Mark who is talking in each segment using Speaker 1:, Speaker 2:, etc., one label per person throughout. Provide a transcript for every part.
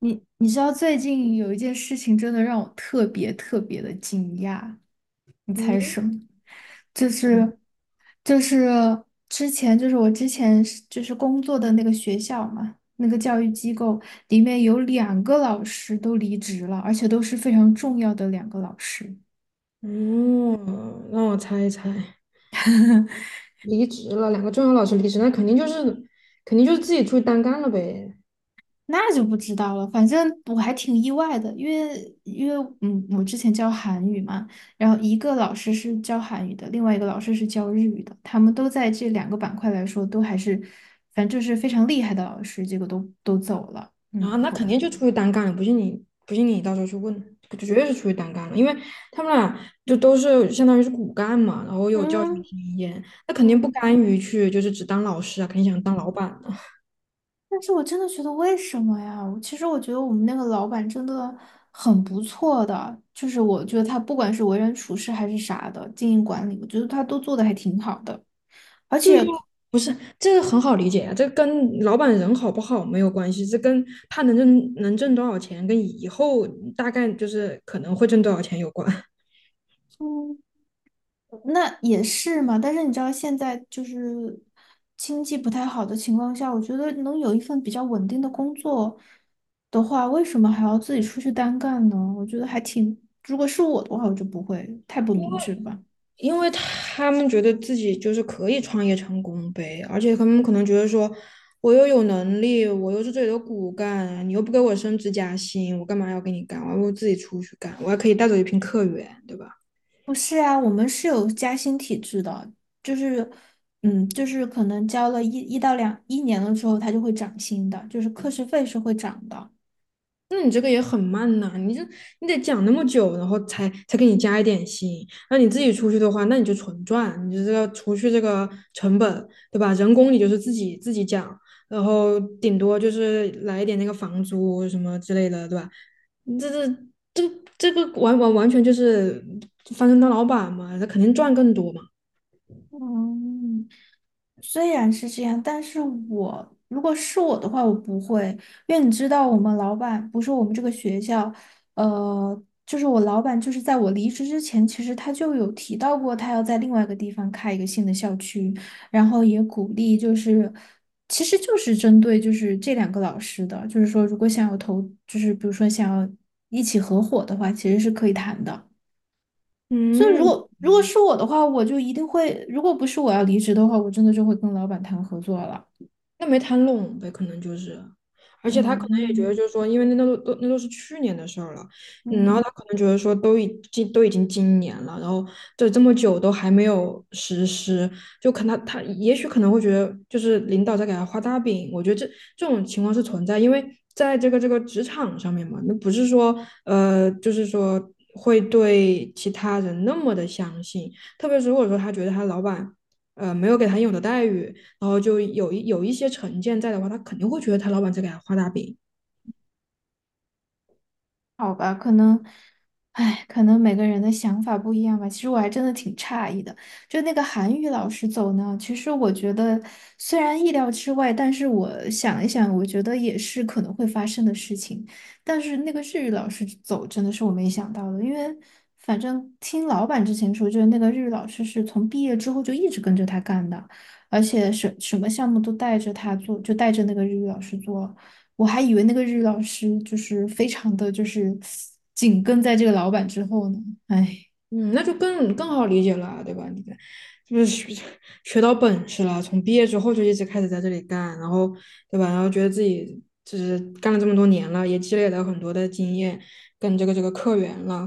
Speaker 1: 你知道最近有一件事情真的让我特别特别的惊讶，你猜
Speaker 2: 嗯，
Speaker 1: 什么？就
Speaker 2: 什么？
Speaker 1: 是就是之前就是我之前是就是工作的那个学校嘛，那个教育机构里面有两个老师都离职了，而且都是非常重要的两个老师。
Speaker 2: 哦，让我猜一猜，离职了，两个重要老师离职，那肯定就是自己出去单干了呗。
Speaker 1: 那就不知道了，反正我还挺意外的，因为我之前教韩语嘛，然后一个老师是教韩语的，另外一个老师是教日语的，他们都在这两个板块来说都还是，反正就是非常厉害的老师，结果都走了，
Speaker 2: 啊，
Speaker 1: 嗯。
Speaker 2: 那
Speaker 1: 不
Speaker 2: 肯定就出去单干了，不信你到时候去问，绝对是出去单干了，因为他们俩就都是相当于是骨干嘛，然后有教学
Speaker 1: 嗯
Speaker 2: 经验，那肯定不
Speaker 1: 嗯，
Speaker 2: 甘于去就是只当老师啊，肯定想当老板。
Speaker 1: 但是我真的觉得为什么呀？我其实我觉得我们那个老板真的很不错的，就是我觉得他不管是为人处事还是啥的，经营管理，我觉得他都做的还挺好的，而
Speaker 2: 就要
Speaker 1: 且。
Speaker 2: 不是这个很好理解呀、这跟老板人好不好没有关系，这跟他能挣多少钱，跟以后大概就是可能会挣多少钱有关。
Speaker 1: 嗯。那也是嘛，但是你知道现在就是经济不太好的情况下，我觉得能有一份比较稳定的工作的话，为什么还要自己出去单干呢？我觉得还挺，如果是我的话，我就不会，太不明智了吧。
Speaker 2: 因为他们觉得自己就是可以创业成功呗，而且他们可能觉得说，我又有能力，我又是这里的骨干，你又不给我升职加薪，我干嘛要给你干？我还不如自己出去干，我还可以带走一批客源，对吧？
Speaker 1: 不是啊，我们是有加薪体制的，就是，嗯，就是可能交了一到两一年的时候，它就会涨薪的，就是课时费是会涨的。
Speaker 2: 那你这个也很慢呐、你得讲那么久，然后才给你加一点薪。那你自己出去的话，那你就纯赚，你就是要除去这个成本，对吧？人工你就是自己讲，然后顶多就是来一点那个房租什么之类的，对吧？这这这个完完完全就是翻身当老板嘛，那肯定赚更多嘛。
Speaker 1: 嗯，虽然是这样，但是如果是我的话，我不会，因为你知道，我们老板不是我们这个学校，就是我老板，就是在我离职之前，其实他就有提到过，他要在另外一个地方开一个新的校区，然后也鼓励，就是其实就是针对就是这两个老师的，就是说如果想要投，就是比如说想要一起合伙的话，其实是可以谈的。所以如
Speaker 2: 嗯，
Speaker 1: 果如果是我的话，我就一定会，如果不是我要离职的话，我真的就会跟老板谈合作了。
Speaker 2: 那没谈拢呗，可能就是，而且他可能也觉得，
Speaker 1: 嗯
Speaker 2: 就是说，因为那都是去年的事儿了，嗯，然后
Speaker 1: 嗯。
Speaker 2: 他可能觉得说，都已经今年了，然后这这么久都还没有实施，就可能他也许可能会觉得，就是领导在给他画大饼，我觉得这种情况是存在，因为在这个职场上面嘛，那不是说就是说会对其他人那么的相信，特别是如果说他觉得他老板没有给他应有的待遇。然后就有一些成见在的话，他肯定会觉得他老板在给他画大饼。
Speaker 1: 好吧，可能，哎，可能每个人的想法不一样吧。其实我还真的挺诧异的，就那个韩语老师走呢，其实我觉得虽然意料之外，但是我想一想，我觉得也是可能会发生的事情。但是那个日语老师走真的是我没想到的，因为反正听老板之前说，就是那个日语老师是从毕业之后就一直跟着他干的，而且什么项目都带着他做，就带着那个日语老师做。我还以为那个日语老师就是非常的就是紧跟在这个老板之后呢，哎，
Speaker 2: 嗯，那就更好理解了啊，对吧？你看，就是学到本事了，从毕业之后就一直开始在这里干，然后对吧？然后觉得自己就是干了这么多年了，也积累了很多的经验跟这个客源了，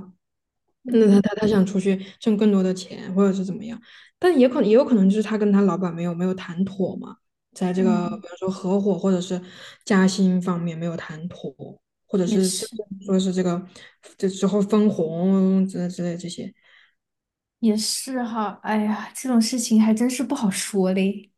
Speaker 2: 那
Speaker 1: 嗯
Speaker 2: 他想出去挣更多的钱，或者是怎么样，但也可能也有可能就是他跟他老板没有谈妥嘛，在这个
Speaker 1: 嗯，
Speaker 2: 比如说合伙或者是加薪方面没有谈妥，或者
Speaker 1: 也
Speaker 2: 是甚
Speaker 1: 是
Speaker 2: 至说是这之后分红之类这些，
Speaker 1: 也是哈，哎呀，这种事情还真是不好说嘞。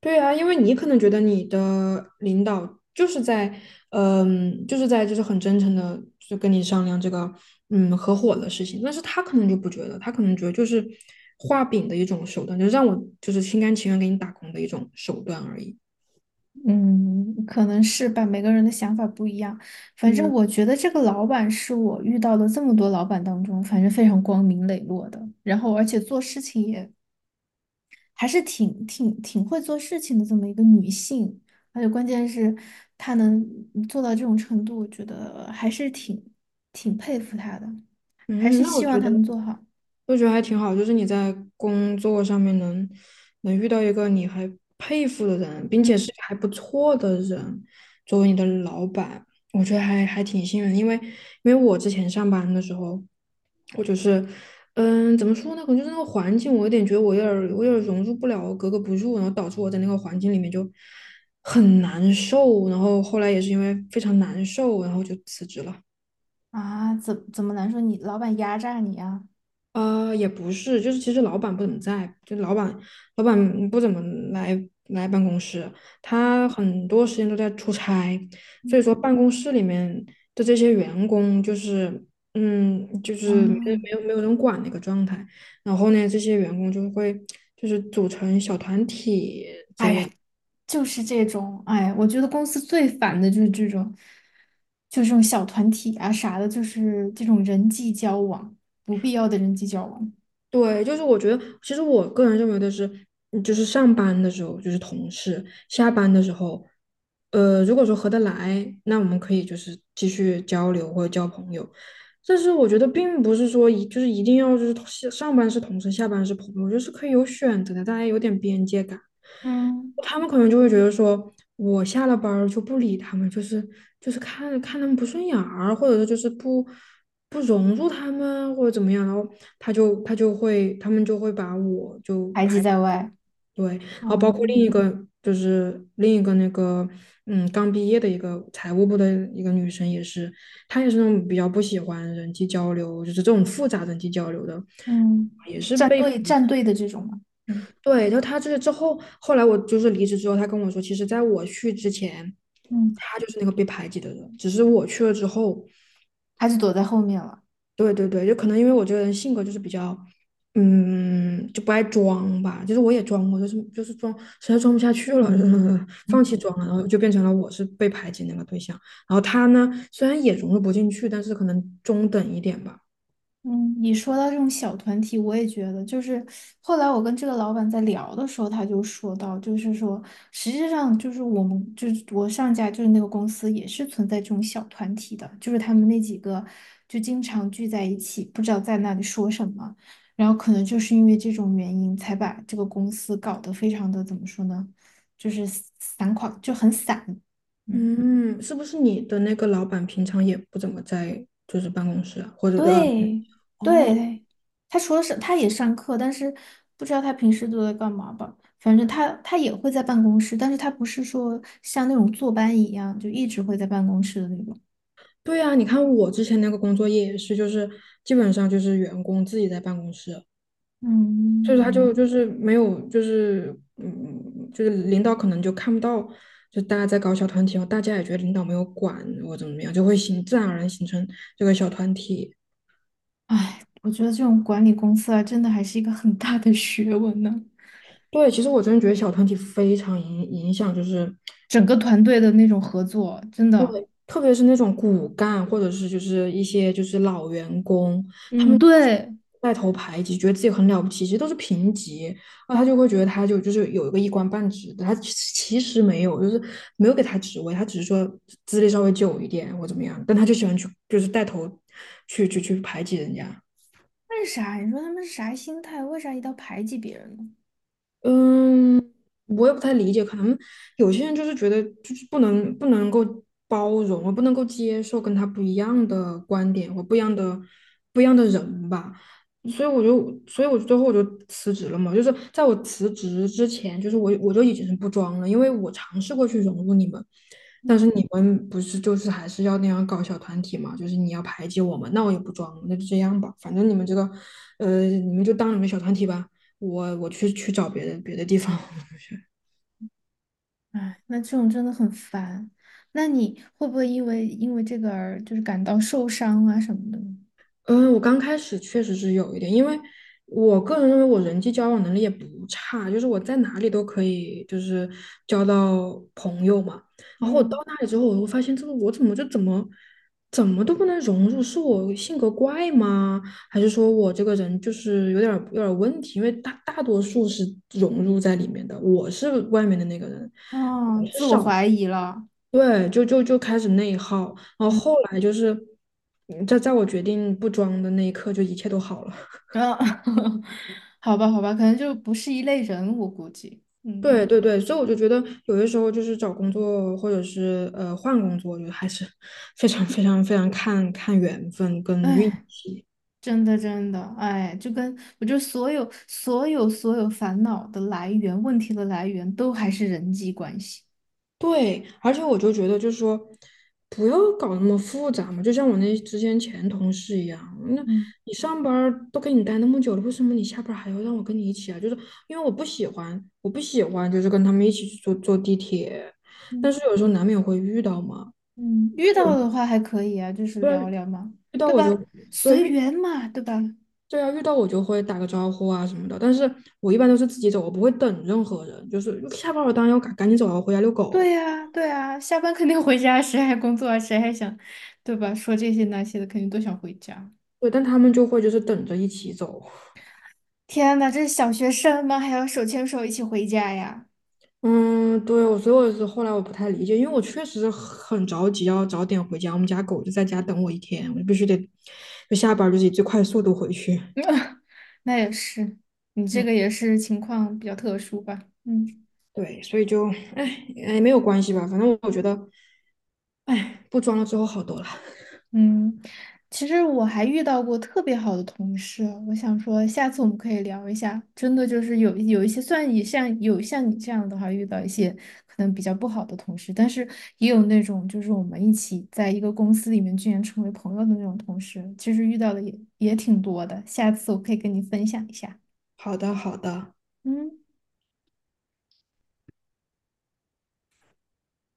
Speaker 2: 对啊，因为你可能觉得你的领导就是在，嗯，就是在就是很真诚的就跟你商量这个，嗯，合伙的事情，但是他可能就不觉得，他可能觉得就是画饼的一种手段，就让我就是心甘情愿给你打工的一种手段而已。
Speaker 1: 嗯，可能是吧，每个人的想法不一样。反正
Speaker 2: 嗯，
Speaker 1: 我觉得这个老板是我遇到的这么多老板当中，反正非常光明磊落的，然后而且做事情也还是挺会做事情的这么一个女性，而且关键是她能做到这种程度，我觉得还是挺佩服她的，还
Speaker 2: 嗯，
Speaker 1: 是
Speaker 2: 那我
Speaker 1: 希望
Speaker 2: 觉
Speaker 1: 她
Speaker 2: 得。
Speaker 1: 能做好。
Speaker 2: 我觉得还挺好，就是你在工作上面能遇到一个你还佩服的人，并
Speaker 1: 嗯
Speaker 2: 且是还不错的人，作为你的老板，我觉得还挺幸运的因为我之前上班的时候，我就是嗯，怎么说呢？可能就是那个环境，我有点儿我有点儿融入不了，格格不入，然后导致我在那个环境里面就很难受。然后后来也是因为非常难受，然后就辞职了。
Speaker 1: 啊，怎么难说你老板压榨你啊？
Speaker 2: 也不是，就是其实老板不怎么在，就老板老板不怎么来来办公室，他很多时间都在出差，所以说办公室里面的这些员工就是，嗯，就
Speaker 1: 啊，
Speaker 2: 是没有人管的一个状态。然后呢，这些员工就会就是组成小团体，
Speaker 1: 哎呀，就是这种，哎，我觉得公司最烦的就是这种，就是这种小团体啊啥的，就是这种人际交往，不必要的人际交往，
Speaker 2: 对，就是我觉得，其实我个人认为的是，嗯就是上班的时候就是同事，下班的时候，呃，如果说合得来，那我们可以就是继续交流或者交朋友。但是我觉得并不是说一定要就是同事上班是同事，下班是朋友，就是可以有选择的，大家有点边界感。
Speaker 1: 嗯，
Speaker 2: 他们可能就会觉得说，我下了班儿就不理他们，就是看看他们不顺眼儿或者说就是不融入他们，或者怎么样，然后他们就会把我就
Speaker 1: 排挤
Speaker 2: 排
Speaker 1: 在外，
Speaker 2: 对，然后包括
Speaker 1: 嗯。
Speaker 2: 另一个那个嗯刚毕业的一个财务部的一个女生也是，她也是那种比较不喜欢人际交流，就是这种复杂人际交流的，
Speaker 1: 嗯，
Speaker 2: 也是
Speaker 1: 站
Speaker 2: 被
Speaker 1: 队站队的这种嘛，嗯
Speaker 2: 对，就她这个之后，后来我就是离职之后，她跟我说，其实在我去之前，
Speaker 1: 嗯，
Speaker 2: 她就是那个被排挤的人，只是我去了之后，
Speaker 1: 还是躲在后面了。
Speaker 2: 对对对，就可能因为我这个人性格就是比较，嗯，就不爱装吧。就是我也装过，就是装，实在装不下去了，就是 放弃
Speaker 1: 嗯
Speaker 2: 装了，然后就变成了我是被排挤那个对象。然后他呢，虽然也融入不进去，但是可能中等一点吧。
Speaker 1: 嗯，你说到这种小团体，我也觉得，就是后来我跟这个老板在聊的时候，他就说到，就是说，实际上就是我们就是我上家就是那个公司也是存在这种小团体的，就是他们那几个就经常聚在一起，不知道在那里说什么，然后可能就是因为这种原因，才把这个公司搞得非常的怎么说呢，就是散垮，就很散。嗯。
Speaker 2: 嗯，是不是你的那个老板平常也不怎么在就是办公室啊，或者呃
Speaker 1: 对
Speaker 2: 哦，
Speaker 1: 对，他除了上，他也上课，但是不知道他平时都在干嘛吧。反正他也会在办公室，但是他不是说像那种坐班一样，就一直会在办公室的那种。
Speaker 2: 对啊，你看我之前那个工作也是，就是基本上就是员工自己在办公室，就是
Speaker 1: 嗯，
Speaker 2: 就是没有，就是嗯，就是领导可能就看不到，就大家在搞小团体，然后大家也觉得领导没有管我怎么样，就会形自然而然形成这个小团体。
Speaker 1: 哎，我觉得这种管理公司啊，真的还是一个很大的学问呢。
Speaker 2: 对，其实我真的觉得小团体非常影响，就是
Speaker 1: 整个团队的那种合作，真的，
Speaker 2: 特别是那种骨干或者是就是一些就是老员工，他
Speaker 1: 嗯，
Speaker 2: 们就是
Speaker 1: 对。
Speaker 2: 带头排挤，觉得自己很了不起，其实都是平级，那他就会觉得就是有一个一官半职的，他其实没有，就是没有给他职位，他只是说资历稍微久一点或怎么样，但他就喜欢去就是带头去排挤人家。
Speaker 1: 为啥？你说他们是啥心态？为啥一定要排挤别人呢？
Speaker 2: 嗯，我也不太理解，可能有些人就是觉得就是不能够包容，我不能够接受跟他不一样的观点或不一样的人吧，所以我最后我就辞职了嘛，就是在我辞职之前，我就已经是不装了，因为我尝试过去融入你们，但是
Speaker 1: 嗯。
Speaker 2: 你们不是就是还是要那样搞小团体嘛，就是你要排挤我们，那我也不装了，那就这样吧，反正你们这个你们就当你们小团体吧。我去找别的地方去。
Speaker 1: 哎，那这种真的很烦。那你会不会因为这个而就是感到受伤啊什么的呢
Speaker 2: 嗯，我刚开始确实是有一点，因为我个人认为我人际交往能力也不差，就是我在哪里都可以，就是交到朋友嘛。然后我到
Speaker 1: 嗯，
Speaker 2: 那里之后，我会发现这个我怎么就怎么怎么都不能融入，是我性格怪吗？还是说我这个人就是有点问题？因为大多数是融入在里面的，我是外面的那个人，
Speaker 1: 哦，自我怀疑了。
Speaker 2: 对，就开始内耗，然后后来就是，嗯在我决定不装的那一刻，就一切都好了。
Speaker 1: 啊，好吧，好吧，可能就不是一类人，我估计。嗯，
Speaker 2: 对对对，所以我就觉得有的时候就是找工作或者是呃换工作，我觉得还是 非常非常非常看缘分跟运
Speaker 1: 哎，
Speaker 2: 气。
Speaker 1: 真的，真的，哎，就跟我觉得所有、所有、所有烦恼的来源、问题的来源，都还是人际关系。
Speaker 2: 对，而且我就觉得，就是说，不要搞那么复杂嘛，就像我那之前同事一样，那
Speaker 1: 嗯
Speaker 2: 你上班儿都跟你待那么久了，为什么你下班儿还要让我跟你一起啊？就是因为我不喜欢，我不喜欢就是跟他们一起去坐地铁，但
Speaker 1: 嗯
Speaker 2: 是有时候难免会遇到嘛，
Speaker 1: 嗯，遇到
Speaker 2: 有
Speaker 1: 的话还可以啊，就是
Speaker 2: 对啊，
Speaker 1: 聊聊嘛，
Speaker 2: 遇到
Speaker 1: 对
Speaker 2: 我就
Speaker 1: 吧？
Speaker 2: 对
Speaker 1: 随
Speaker 2: 遇
Speaker 1: 缘嘛，对吧？
Speaker 2: 对啊，遇到我就会打个招呼啊什么的，但是我一般都是自己走，我不会等任何人，就是下班儿我当然要赶紧走啊，回家遛狗，
Speaker 1: 对呀，对呀，下班肯定回家，谁还工作啊？谁还想，对吧？说这些那些的，肯定都想回家。
Speaker 2: 对，但他们就会就是等着一起走。
Speaker 1: 天呐，这是小学生吗？还要手牵手一起回家呀？
Speaker 2: 嗯，对，我所以我是后来我不太理解，因为我确实很着急要早点回家，我们家狗就在家等我一天，我就必须得就下班儿就是以最快速度回去。
Speaker 1: 那也是，你这
Speaker 2: 嗯，
Speaker 1: 个也是情况比较特殊吧？嗯。
Speaker 2: 对，所以就哎没有关系吧，反正我觉得哎不装了之后好多了。
Speaker 1: 嗯，其实我还遇到过特别好的同事，我想说下次我们可以聊一下。真的就是有一些，算然也像有像你这样的话，遇到一些可能比较不好的同事，但是也有那种就是我们一起在一个公司里面居然成为朋友的那种同事，其实遇到的也挺多的。下次我可以跟你分享一下。
Speaker 2: 好的，好的。
Speaker 1: 嗯。